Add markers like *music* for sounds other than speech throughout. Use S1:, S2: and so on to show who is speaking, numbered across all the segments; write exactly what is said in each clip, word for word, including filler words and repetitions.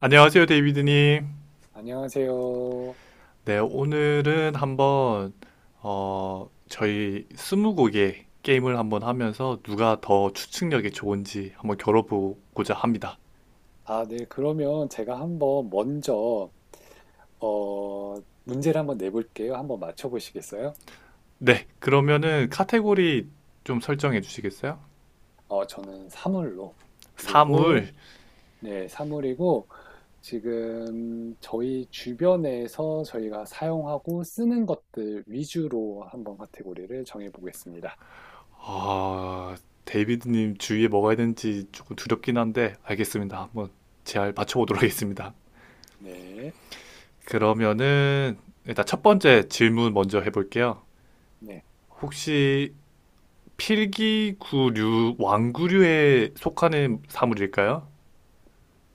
S1: 안녕하세요, 데이비드님.
S2: 안녕하세요.
S1: 네, 오늘은 한번, 어, 저희 스무고개 게임을 한번 하면서 누가 더 추측력이 좋은지 한번 겨뤄보고자 합니다.
S2: 아, 네. 그러면 제가 한번 먼저, 어, 문제를 한번 내볼게요. 한번 맞춰보시겠어요?
S1: 네, 그러면은 카테고리 좀 설정해 주시겠어요?
S2: 어, 저는 사물로. 그리고,
S1: 사물.
S2: 네, 사물이고, 지금 저희 주변에서 저희가 사용하고 쓰는 것들 위주로 한번 카테고리를 정해보겠습니다.
S1: 아, 데이비드님 주위에 뭐가 있는지 조금 두렵긴 한데, 알겠습니다. 한번 잘
S2: 네,
S1: 맞춰보도록 하겠습니다.
S2: 네,
S1: 그러면은, 일단 첫 번째 질문 먼저 해볼게요.
S2: 네.
S1: 혹시 필기구류, 왕구류에 속하는 사물일까요?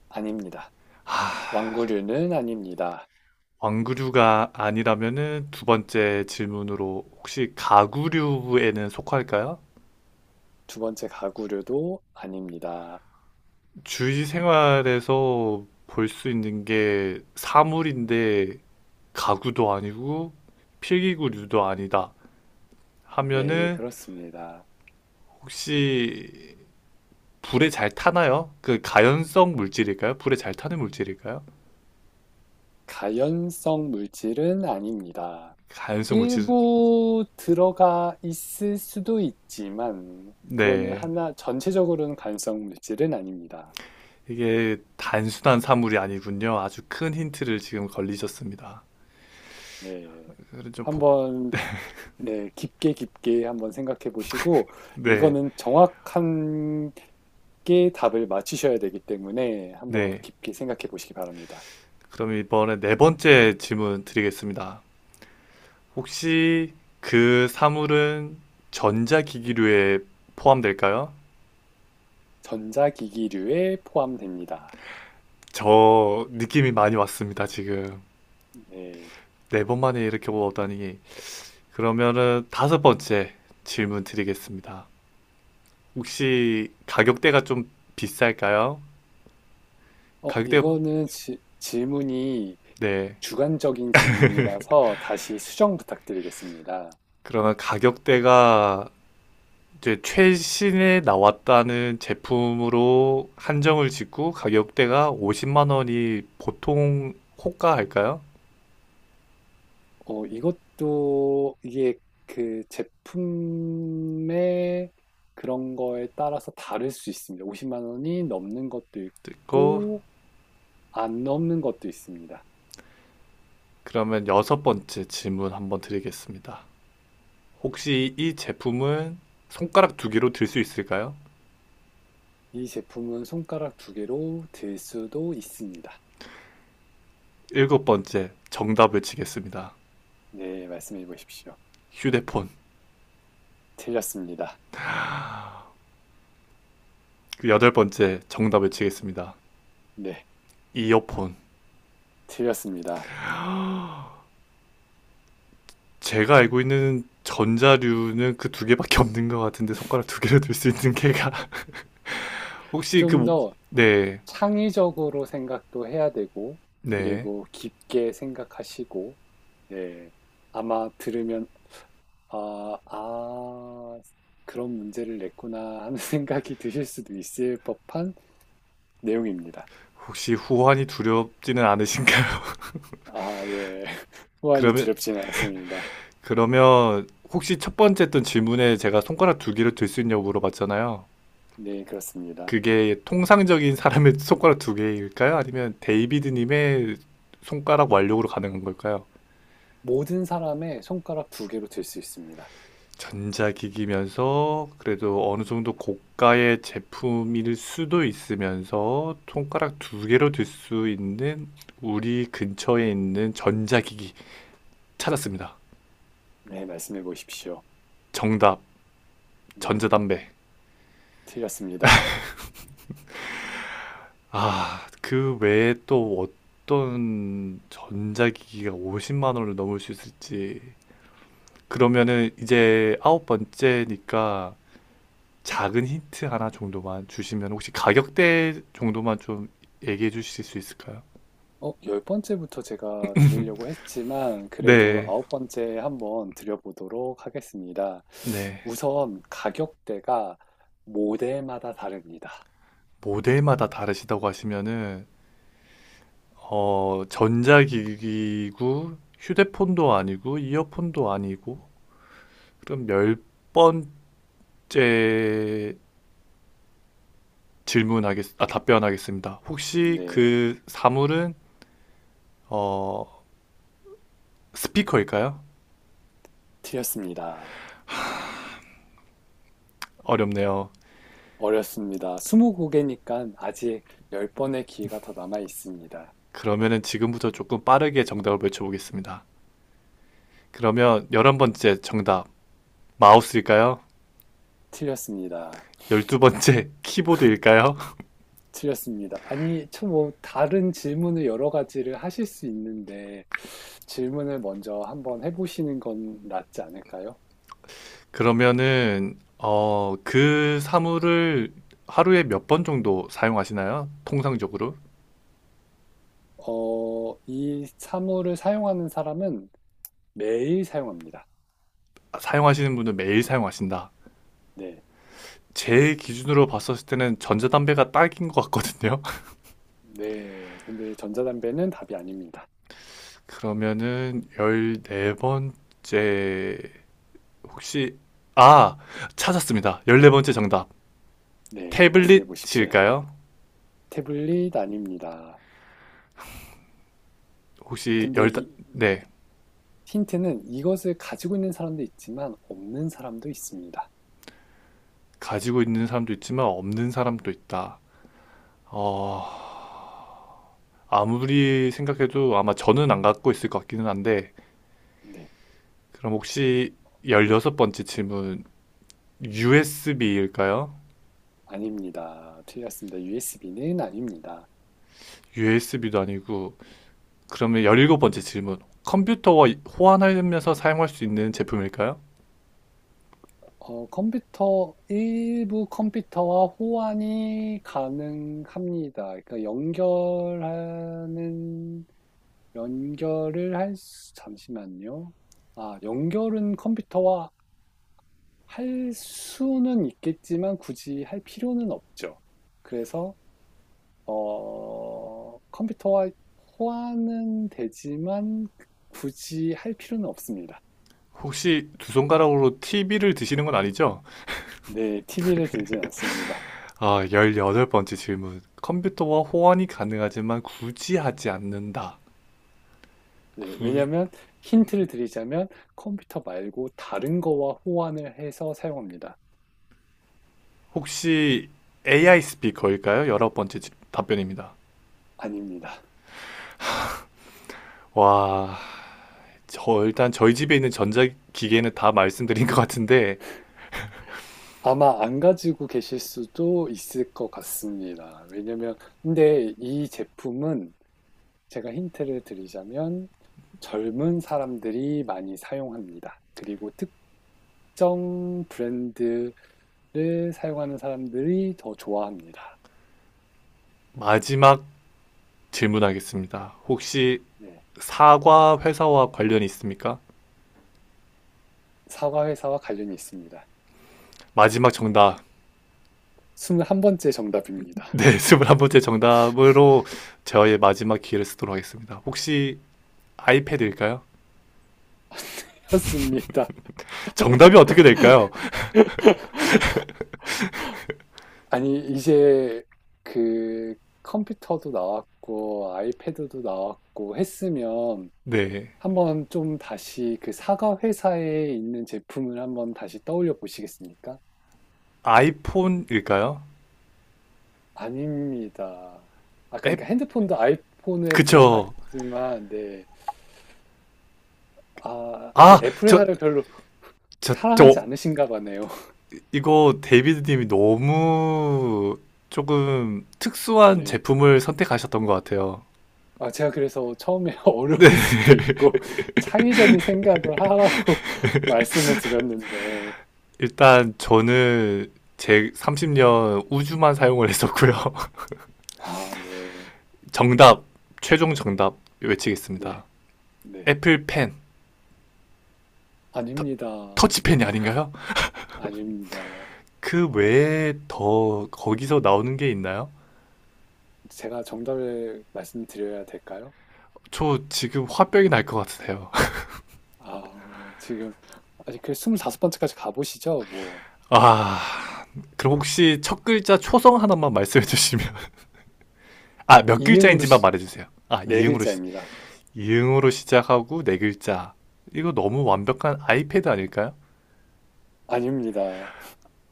S2: 아닙니다. 완구류는 아닙니다.
S1: 왕구류가 아니라면은 두 번째 질문으로 혹시 가구류에는 속할까요?
S2: 두 번째 가구류도 아닙니다.
S1: 주위 생활에서 볼 수 있는 게 사물인데 가구도 아니고 필기구류도 아니다
S2: 네,
S1: 하면은
S2: 그렇습니다.
S1: 혹시 불에 잘 타나요? 그 가연성 물질일까요? 불에 잘 타는 물질일까요?
S2: 가연성 물질은 아닙니다.
S1: 가연성 물질,
S2: 일부 들어가 있을 수도 있지만, 그거는
S1: 네.
S2: 하나, 전체적으로는 가연성 물질은 아닙니다.
S1: 이게 단순한 사물이 아니군요. 아주 큰 힌트를 지금 걸리셨습니다.
S2: 네.
S1: 그래서 좀 복,
S2: 한번, 네, 깊게 깊게 한번 생각해 보시고,
S1: 네,
S2: 이거는 정확한 게 답을 맞추셔야 되기 때문에 한번
S1: 네.
S2: 깊게 생각해 보시기 바랍니다.
S1: 그럼 이번에 네 번째 질문 드리겠습니다. 혹시 그 사물은 전자기기류에 포함될까요?
S2: 전자기기류에 포함됩니다.
S1: 저 느낌이 많이 왔습니다, 지금.
S2: 네.
S1: 네 번 만에 이렇게 오다니. 그러면은 다섯 번째 질문 드리겠습니다. 혹시 가격대가 좀 비쌀까요?
S2: 어,
S1: 가격대,
S2: 이거는 지- 질문이
S1: 네.
S2: 주관적인 질문이라서 다시 수정 부탁드리겠습니다.
S1: 그러면 가격대가 이제 최신에 나왔다는 제품으로 한정을 짓고 가격대가 오십만 원이 보통 호가할까요?
S2: 어, 이것도 이게 그 제품의 그런 거에 따라서 다를 수 있습니다. 오십만 원이 넘는 것도
S1: 듣고
S2: 있고 안 넘는 것도 있습니다.
S1: 그러면 여섯 번째 질문 한번 드리겠습니다. 혹시 이 제품은 손가락 두 개로 들 수 있을까요?
S2: 이 제품은 손가락 두 개로 들 수도 있습니다.
S1: 일곱 번째 정답을 치겠습니다.
S2: 네, 말씀해 보십시오.
S1: 휴대폰.
S2: 틀렸습니다.
S1: 그 여덟 번째 정답을 치겠습니다.
S2: 네,
S1: 이어폰.
S2: 틀렸습니다.
S1: 제가 알고 있는 전자류는 그 두 개밖에 없는 것 같은데 손가락 두 개로 들 수 있는 *laughs* 게가 혹시 그
S2: 좀
S1: 모-
S2: 더
S1: 네,
S2: 창의적으로 생각도 해야 되고,
S1: 네.
S2: 그리고 깊게 생각하시고, 네. 아마 들으면, 아, 아, 그런 문제를 냈구나 하는 *laughs* 생각이 드실 수도 있을 법한 내용입니다.
S1: 혹시 후환이 두렵지는 않으신가요? *laughs*
S2: 아, 네. 호환이
S1: 그러면
S2: 두렵지는 않습니다.
S1: 그러면 혹시 첫 번째 했던 질문에 제가 손가락 두 개를 들 수 있냐고 물어봤잖아요.
S2: 네, 그렇습니다.
S1: 그게 통상적인 사람의 *laughs* 손가락 두 개일까요? 아니면 데이비드 님의 손가락 완력으로 가능한 걸까요?
S2: 모든 사람의 손가락 두 개로 들 수 있습니다.
S1: 전자기기면서 그래도 어느 정도 고가의 제품일 수도 있으면서 손가락 두 개로 들 수 있는 우리 근처에 있는 전자기기 찾았습니다.
S2: 네, 말씀해 보십시오.
S1: 정답
S2: 네,
S1: 전자담배.
S2: 틀렸습니다.
S1: 아, 그 외에 또 어떤 전자기기가 오십만 원을 넘을 수 있을지. 그러면은 이제 아홉 번째니까 작은 힌트 하나 정도만 주시면 혹시 가격대 정도만 좀 얘기해 주실 수 있을까요?
S2: 어, 열 번째부터 제가 드리려고 했지만, 그래도
S1: 네,
S2: 아홉 번째 한번 드려보도록 하겠습니다.
S1: 네.
S2: 우선 가격대가 모델마다 다릅니다.
S1: 모델마다 다르시다고 하시면은 어, 전자기기고 휴대폰도 아니고 이어폰도 아니고 그럼 열 번째 질문하겠, 아, 답변하겠습니다. 혹시
S2: 네,
S1: 그 사물은 어, 스피커일까요?
S2: 틀렸습니다.
S1: 어렵네요.
S2: 어렵습니다. 이십 곡이니까 아직 열 번의 기회가 더 남아 있습니다.
S1: 그러면은 지금부터 조금 빠르게 정답을 외쳐보겠습니다. 그러면 열한 번째 정답 마우스일까요?
S2: 틀렸습니다.
S1: 열두 번째 키보드일까요?
S2: 틀렸습니다. 아니, 저 뭐, 다른 질문을 여러 가지를 하실 수 있는데, 질문을 먼저 한번 해보시는 건 낫지 않을까요?
S1: *laughs* 그러면은 어, 그 사물을 하루에 몇 번 정도 사용하시나요? 통상적으로
S2: 어, 이 사물을 사용하는 사람은 매일 사용합니다.
S1: 아, 사용하시는 분은 매일 사용하신다.
S2: 네,
S1: 제 기준으로 봤었을 때는 전자담배가 딱인 것 같거든요.
S2: 네. 근데 전자담배는 답이 아닙니다.
S1: 그러면은 열네번째 혹시 아, 찾았습니다. 열네번째 정답.
S2: 네, 말씀해 보십시오.
S1: 태블릿일까요?
S2: 태블릿 아닙니다.
S1: 혹시
S2: 근데
S1: 열
S2: 이-
S1: 네.
S2: 힌트는 이것을 가지고 있는 사람도 있지만 없는 사람도 있습니다.
S1: 가지고 있는 사람도 있지만 없는 사람도 있다. 어, 아무리 생각해도 아마 저는 안 갖고 있을 것 같기는 한데
S2: 네,
S1: 그럼 혹시 열여섯번째 질문 유에스비일까요?
S2: 아닙니다. 틀렸습니다. 유에스비는 아닙니다.
S1: 유에스비도 아니고 그러면 열일곱번째 질문 컴퓨터와 호환하면서 사용할 수 있는 제품일까요?
S2: 어, 컴퓨터, 일부 컴퓨터와 호환이 가능합니다. 그러니까 연결하는 연결을 할 수, 잠시만요. 아, 연결은 컴퓨터와 할 수는 있겠지만 굳이 할 필요는 없죠. 그래서, 어, 컴퓨터와 호환은 되지만 굳이 할 필요는 없습니다.
S1: 혹시 두 손가락으로 티비를 드시는 건 아니죠?
S2: 네, 티비를 들진 않습니다.
S1: 아, 열여덟 번째 질문. 컴퓨터와 호환이 가능하지만 굳이 하지 않는다.
S2: 네,
S1: 구-
S2: 왜냐면 하 힌트를 드리자면 컴퓨터 말고 다른 거와 호환을 해서 사용합니다.
S1: 혹시 에이아이 스피커일까요? 열 열아홉 번째 질- 답변입니다.
S2: 아닙니다.
S1: 와, 저 일단 저희 집에 있는 전자기기는 다 말씀드린 것 같은데
S2: 아마 안 가지고 계실 수도 있을 것 같습니다. 왜냐면, 근데 이 제품은 제가 힌트를 드리자면 젊은 사람들이 많이 사용합니다. 그리고 특정 브랜드를 사용하는 사람들이 더 좋아합니다.
S1: 마지막 질문하겠습니다. 혹시
S2: 네.
S1: 사과 회사와 관련이 있습니까?
S2: 사과 회사와 관련이 있습니다.
S1: 마지막 정답.
S2: 물한번째 정답입니다.
S1: 네, *laughs* 스물한번째 정답으로 저의 마지막 기회를 쓰도록 하겠습니다. 혹시 아이패드일까요?
S2: *laughs* 였습니다.
S1: 정답이 어떻게 될까요?
S2: 아니, 이제 그 컴퓨터도 나왔고, 아이패드도 나왔고 했으면
S1: 네.
S2: 한번 좀 다시 그 사과 회사에 있는 제품을 한번 다시 떠올려 보시겠습니까?
S1: 아이폰일까요?
S2: 아닙니다. 아까
S1: 앱?
S2: 그러니까 핸드폰도 아이폰에
S1: 그쵸.
S2: 들어갔지만, 네. 아, 그
S1: 아,
S2: 애플
S1: 저,
S2: 회사를 별로
S1: 저, 저,
S2: 사랑하지 않으신가 보네요. *laughs*
S1: 이거 데이비드님이 너무 조금 특수한
S2: 네.
S1: 제품을 선택하셨던 것 같아요.
S2: 아, 제가 그래서 처음에 *laughs*
S1: 네.
S2: 어려울 수도 있고, *laughs* 창의적인 생각을 하라고 *laughs* 말씀을 드렸는데,
S1: 일단 저는 제 삼십 년 우주만 사용을 했었고요. *laughs*
S2: 아, 네.
S1: 정답, 최종 정답
S2: 네.
S1: 외치겠습니다.
S2: 네.
S1: 애플펜, 터,
S2: 아닙니다.
S1: 터치펜이 아닌가요?
S2: 아닙니다.
S1: 그 외에 더 거기서 나오는 게 있나요?
S2: 제가 정답을 말씀드려야 될까요?
S1: 저 지금 화병이 날 것 같으세요.
S2: 아, 지금 아직 그 이십오 번째까지 가보시죠? 뭐
S1: *laughs* 아, 그럼 혹시 첫 글자 초성 하나만 말씀해 주시면. *laughs* 아, 몇
S2: 이응으로
S1: 글자인지만
S2: 시-
S1: 말해 주세요. 아,
S2: 네
S1: 이응으로, 시,
S2: 글자입니다.
S1: 이응으로 시작하고 네 글자. 이거 너무 완벽한 아이패드 아닐까요?
S2: 아닙니다.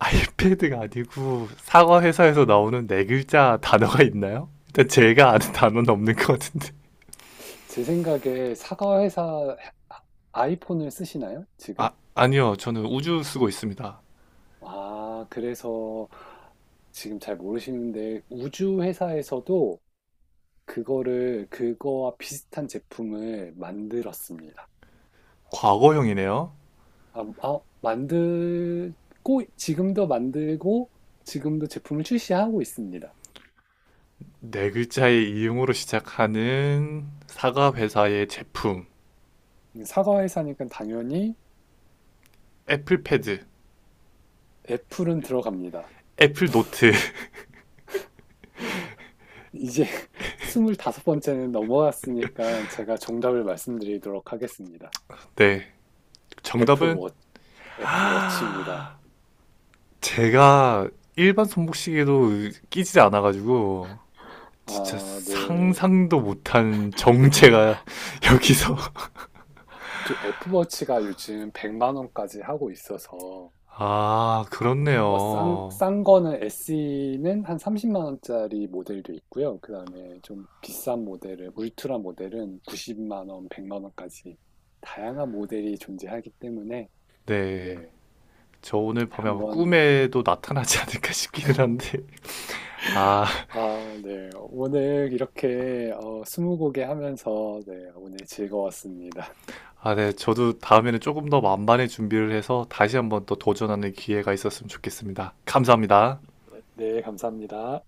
S1: 아이패드가 아니고 사과 회사에서 나오는 네 글자 단어가 있나요? 일단 제가 아는 단어는 없는 것 같은데.
S2: 제 생각에 사과 회사 아이폰을 쓰시나요?
S1: 아,
S2: 지금?
S1: 아니요. 저는 우주 쓰고 있습니다.
S2: 아, 그래서 지금 잘 모르시는데 우주 회사에서도 그거를 그거와 비슷한 제품을 만들었습니다.
S1: 과거형이네요.
S2: 아, 아, 만들고 지금도 만들고 지금도 제품을 출시하고 있습니다.
S1: 네 글자의 이응으로 시작하는 사과 회사의 제품.
S2: 사과 회사니까 당연히
S1: 애플패드.
S2: 애플은 들어갑니다.
S1: 애플 노트. *laughs*
S2: 이제 *laughs* 이십오 번째는 넘어왔으니까 제가 정답을 말씀드리도록 하겠습니다.
S1: 네. 정답은
S2: 애플워, 애플워치입니다.
S1: 제가 일반 손목시계도 끼지 않아가지고 진짜
S2: 아, 네.
S1: 상상도 못한 정체가 *laughs* 여기서
S2: 저 애플워치가 요즘 백만 원까지 하고 있어서
S1: 아
S2: 어, 싼,
S1: 그렇네요.
S2: 싼 거는 에스이는 한 삼십만 원짜리 모델도 있고요. 그다음에 좀 비싼 모델은 울트라 모델은 구십만 원, 백만 원까지 다양한 모델이 존재하기 때문에 네,
S1: 네. 저 오늘 밤에 아마
S2: 한번
S1: 꿈에도 나타나지 않을까 싶기는 한데 아,
S2: 아, 네. 오늘 이렇게 어, 스무고개 하면서 네, 오늘 즐거웠습니다.
S1: 아, 네. 저도 다음에는 조금 더 만반의 준비를 해서 다시 한번 또 도전하는 기회가 있었으면 좋겠습니다. 감사합니다.
S2: 네, 감사합니다.